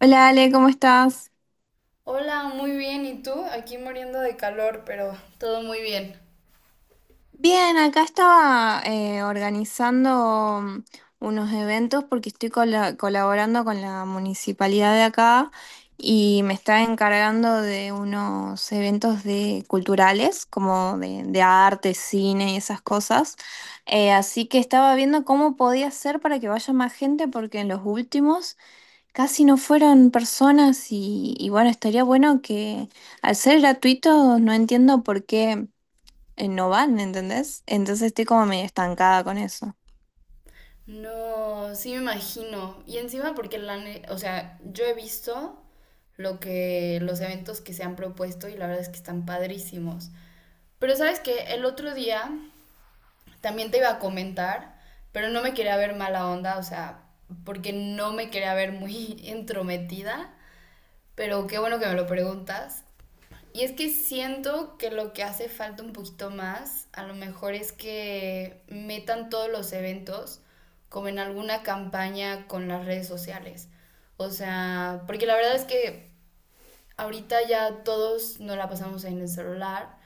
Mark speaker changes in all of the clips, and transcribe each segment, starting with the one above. Speaker 1: Hola Ale, ¿cómo estás?
Speaker 2: Hola, muy bien. ¿Y tú? Aquí muriendo de calor, pero todo muy bien.
Speaker 1: Bien, acá estaba organizando unos eventos porque estoy colaborando con la municipalidad de acá y me está encargando de unos eventos de culturales, como de arte, cine y esas cosas. Así que estaba viendo cómo podía hacer para que vaya más gente porque en los últimos casi no fueron personas y bueno, estaría bueno que al ser gratuito no entiendo por qué no van, ¿entendés? Entonces estoy como medio estancada con eso.
Speaker 2: No, sí me imagino. Y encima porque o sea, yo he visto lo que los eventos que se han propuesto y la verdad es que están padrísimos. Pero sabes que el otro día también te iba a comentar, pero no me quería ver mala onda, o sea, porque no me quería ver muy entrometida, pero qué bueno que me lo preguntas. Y es que siento que lo que hace falta un poquito más, a lo mejor es que metan todos los eventos como en alguna campaña con las redes sociales. O sea, porque la verdad es que ahorita ya todos nos la pasamos en el celular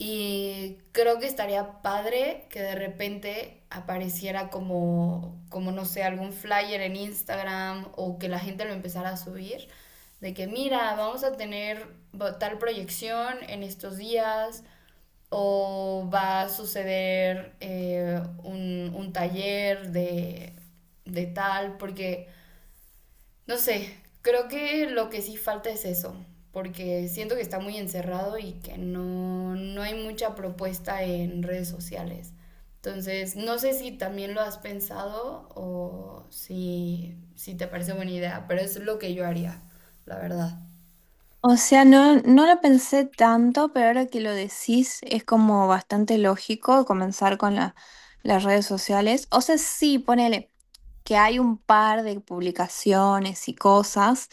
Speaker 2: y creo que estaría padre que de repente apareciera como, como no sé, algún flyer en Instagram o que la gente lo empezara a subir, de que mira, vamos a tener tal proyección en estos días o va a suceder un, taller de tal, porque no sé, creo que lo que sí falta es eso, porque siento que está muy encerrado y que no, no hay mucha propuesta en redes sociales. Entonces, no sé si también lo has pensado o si, si te parece buena idea, pero es lo que yo haría, la verdad.
Speaker 1: O sea, no lo pensé tanto, pero ahora que lo decís es como bastante lógico comenzar con las redes sociales. O sea, sí, ponele que hay un par de publicaciones y cosas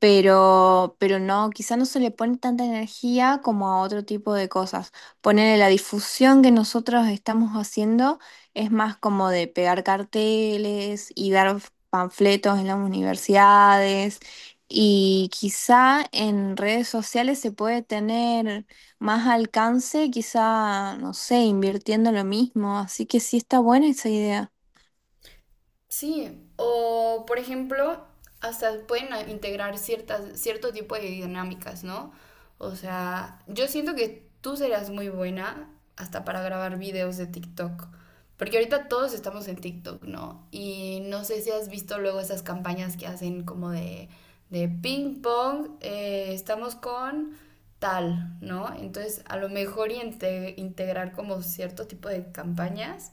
Speaker 1: pero no, quizá no se le pone tanta energía como a otro tipo de cosas. Ponerle la difusión que nosotros estamos haciendo es más como de pegar carteles y dar panfletos en las universidades. Y quizá en redes sociales se puede tener más alcance, quizá, no sé, invirtiendo lo mismo. Así que sí está buena esa idea.
Speaker 2: Sí, o por ejemplo, hasta pueden integrar ciertas, cierto tipo de dinámicas, ¿no? O sea, yo siento que tú serás muy buena hasta para grabar videos de TikTok, porque ahorita todos estamos en TikTok, ¿no? Y no sé si has visto luego esas campañas que hacen como de ping pong, estamos con tal, ¿no? Entonces, a lo mejor y integrar como cierto tipo de campañas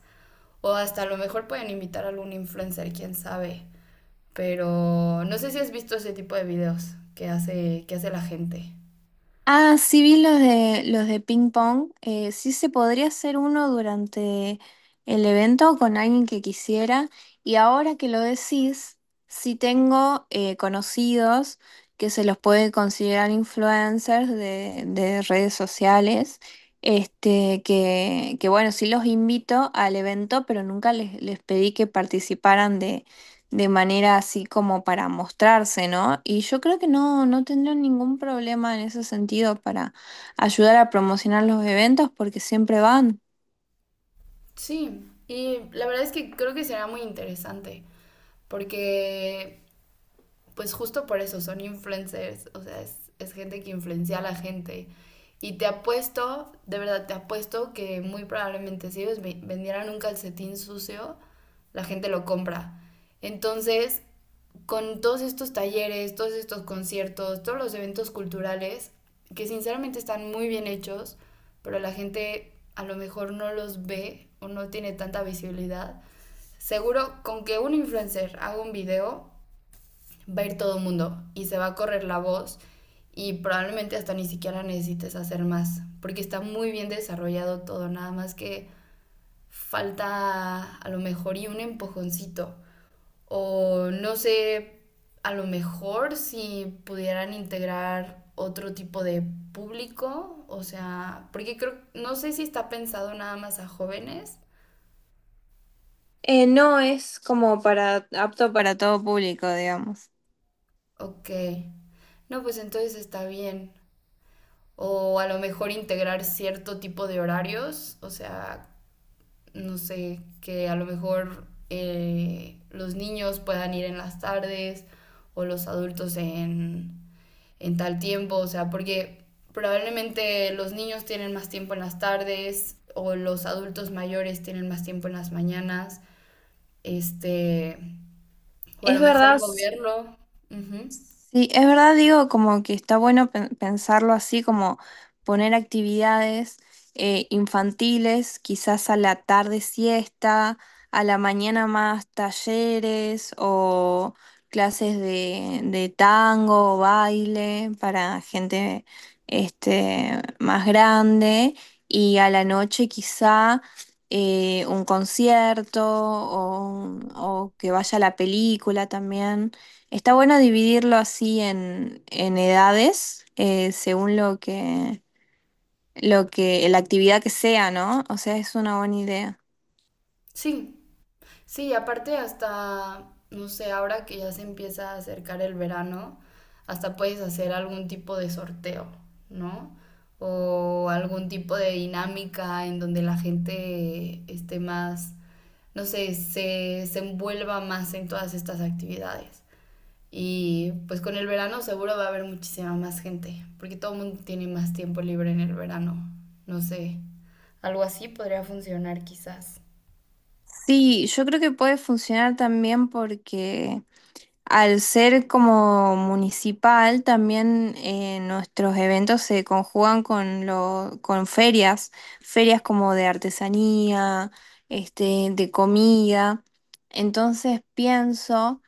Speaker 2: o hasta a lo mejor pueden invitar a algún influencer, quién sabe. Pero no sé si has visto ese tipo de videos que que hace la gente.
Speaker 1: Ah, sí vi los de ping pong. Sí se podría hacer uno durante el evento con alguien que quisiera. Y ahora que lo decís, sí tengo conocidos que se los puede considerar influencers de redes sociales. Este, que bueno, sí los invito al evento, pero nunca les pedí que participaran de manera así como para mostrarse, ¿no? Y yo creo que no, no tendrán ningún problema en ese sentido para ayudar a promocionar los eventos porque siempre van.
Speaker 2: Sí, y la verdad es que creo que será muy interesante. Porque, pues justo por eso, son influencers. O sea, es gente que influencia a la gente. Y te apuesto, de verdad te apuesto que muy probablemente si ellos vendieran un calcetín sucio, la gente lo compra. Entonces, con todos estos talleres, todos estos conciertos, todos los eventos culturales, que sinceramente están muy bien hechos, pero la gente a lo mejor no los ve o no tiene tanta visibilidad. Seguro con que un influencer haga un video, va a ir todo el mundo y se va a correr la voz y probablemente hasta ni siquiera necesites hacer más, porque está muy bien desarrollado todo, nada más que falta a lo mejor y un empujoncito o no sé, a lo mejor si pudieran integrar otro tipo de público, o sea, porque creo, no sé si está pensado nada más a jóvenes.
Speaker 1: No es como para apto para todo público, digamos.
Speaker 2: Ok, no, pues entonces está bien. O a lo mejor integrar cierto tipo de horarios, o sea, no sé, que a lo mejor los niños puedan ir en las tardes o los adultos en tal tiempo, o sea, porque probablemente los niños tienen más tiempo en las tardes o los adultos mayores tienen más tiempo en las mañanas, este, o a
Speaker 1: Es
Speaker 2: lo mejor
Speaker 1: verdad.
Speaker 2: moverlo. Ujú.
Speaker 1: Sí, es verdad, digo, como que está bueno pensarlo así, como poner actividades infantiles, quizás a la tarde siesta, a la mañana más talleres o clases de tango o baile para gente este, más grande y a la noche quizá un concierto o que vaya a la película también. Está bueno dividirlo así en edades, según lo que, la actividad que sea, ¿no? O sea, es una buena idea.
Speaker 2: Sí, Sí, aparte hasta, no sé, ahora que ya se empieza a acercar el verano, hasta puedes hacer algún tipo de sorteo, ¿no? O algún tipo de dinámica en donde la gente esté más, no sé, se envuelva más en todas estas actividades. Y pues con el verano seguro va a haber muchísima más gente, porque todo el mundo tiene más tiempo libre en el verano. No sé, algo así podría funcionar quizás.
Speaker 1: Sí, yo creo que puede funcionar también porque al ser como municipal, también nuestros eventos se conjugan con lo, con ferias, ferias como de artesanía, este, de comida. Entonces pienso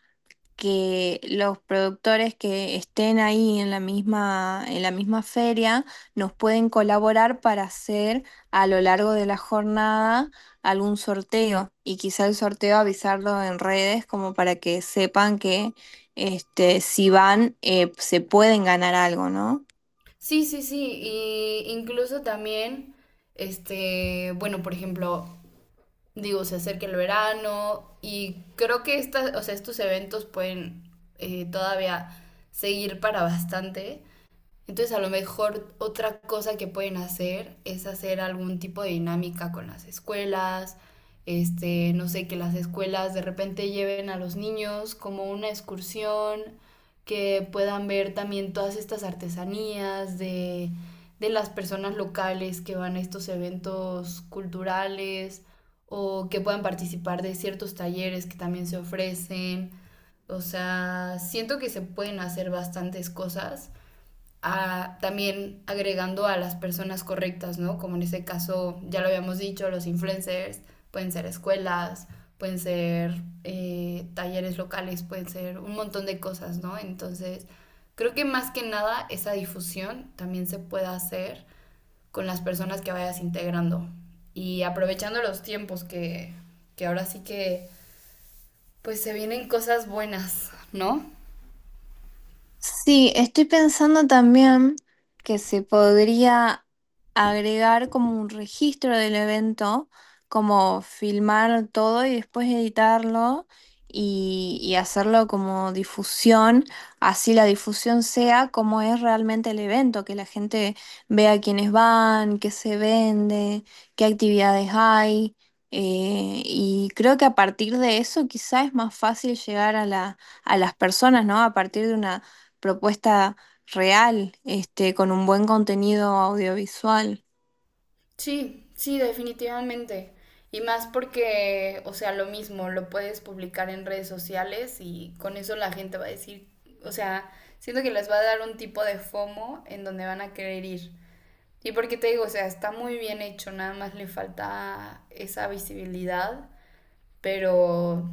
Speaker 1: que los productores que estén ahí en la misma feria nos pueden colaborar para hacer a lo largo de la jornada algún sorteo y quizá el sorteo avisarlo en redes como para que sepan que este, si van se pueden ganar algo, ¿no?
Speaker 2: Sí, sí, sí, y incluso también, este, bueno, por ejemplo, digo, se acerca el verano y creo que estas, o sea, estos eventos pueden todavía seguir para bastante. Entonces a lo mejor otra cosa que pueden hacer es hacer algún tipo de dinámica con las escuelas, este, no sé, que las escuelas de repente lleven a los niños como una excursión, que puedan ver también todas estas artesanías de las personas locales que van a estos eventos culturales o que puedan participar de ciertos talleres que también se ofrecen. O sea, siento que se pueden hacer bastantes cosas a, también agregando a las personas correctas, ¿no? Como en ese caso, ya lo habíamos dicho, los influencers pueden ser escuelas, pueden ser talleres locales, pueden ser un montón de cosas, ¿no? Entonces, creo que más que nada esa difusión también se puede hacer con las personas que vayas integrando y aprovechando los tiempos que ahora sí que pues se vienen cosas buenas, ¿no?
Speaker 1: Sí, estoy pensando también que se podría agregar como un registro del evento, como filmar todo y después editarlo y hacerlo como difusión, así la difusión sea como es realmente el evento, que la gente vea quiénes van, qué se vende, qué actividades hay. Y creo que a partir de eso quizá es más fácil llegar a a las personas, ¿no? A partir de una propuesta real, este, con un buen contenido audiovisual.
Speaker 2: Sí, sí, definitivamente. Y más porque, o sea, lo mismo, lo puedes publicar en redes sociales y con eso la gente va a decir, o sea, siento que les va a dar un tipo de FOMO en donde van a querer ir. Y porque te digo, o sea, está muy bien hecho, nada más le falta esa visibilidad, pero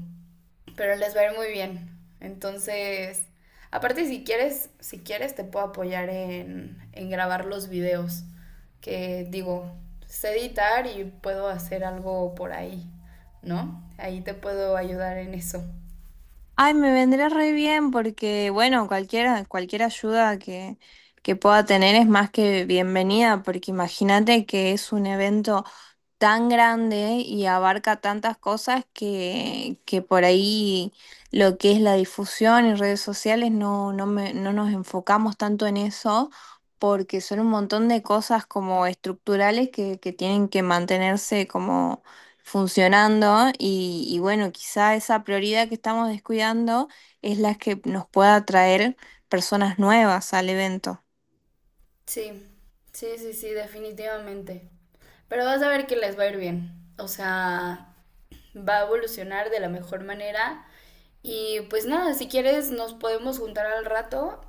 Speaker 2: pero les va a ir muy bien. Entonces, aparte si quieres, si quieres te puedo apoyar en grabar los videos, que digo, sé editar y puedo hacer algo por ahí, ¿no? Ahí te puedo ayudar en eso.
Speaker 1: Ay, me vendría re bien porque, bueno, cualquier ayuda que pueda tener es más que bienvenida, porque imagínate que es un evento tan grande y abarca tantas cosas que por ahí lo que es la difusión en redes sociales no nos enfocamos tanto en eso porque son un montón de cosas como estructurales que tienen que mantenerse como funcionando y bueno, quizá esa prioridad que estamos descuidando es la que nos pueda traer personas nuevas al evento.
Speaker 2: Sí, sí, sí, sí, definitivamente. Pero vas a ver que les va a ir bien. O sea, va a evolucionar de la mejor manera. Y pues nada, si quieres nos podemos juntar al rato.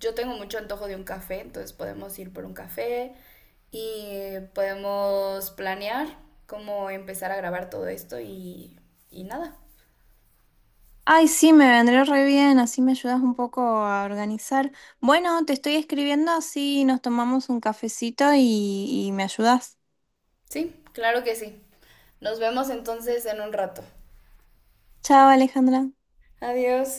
Speaker 2: Yo tengo mucho antojo de un café, entonces podemos ir por un café y podemos planear cómo empezar a grabar todo esto y nada.
Speaker 1: Ay, sí, me vendría re bien, así me ayudas un poco a organizar. Bueno, te estoy escribiendo, así nos tomamos un cafecito y me ayudas.
Speaker 2: Sí, claro que sí. Nos vemos entonces en un rato.
Speaker 1: Chao, Alejandra.
Speaker 2: Adiós.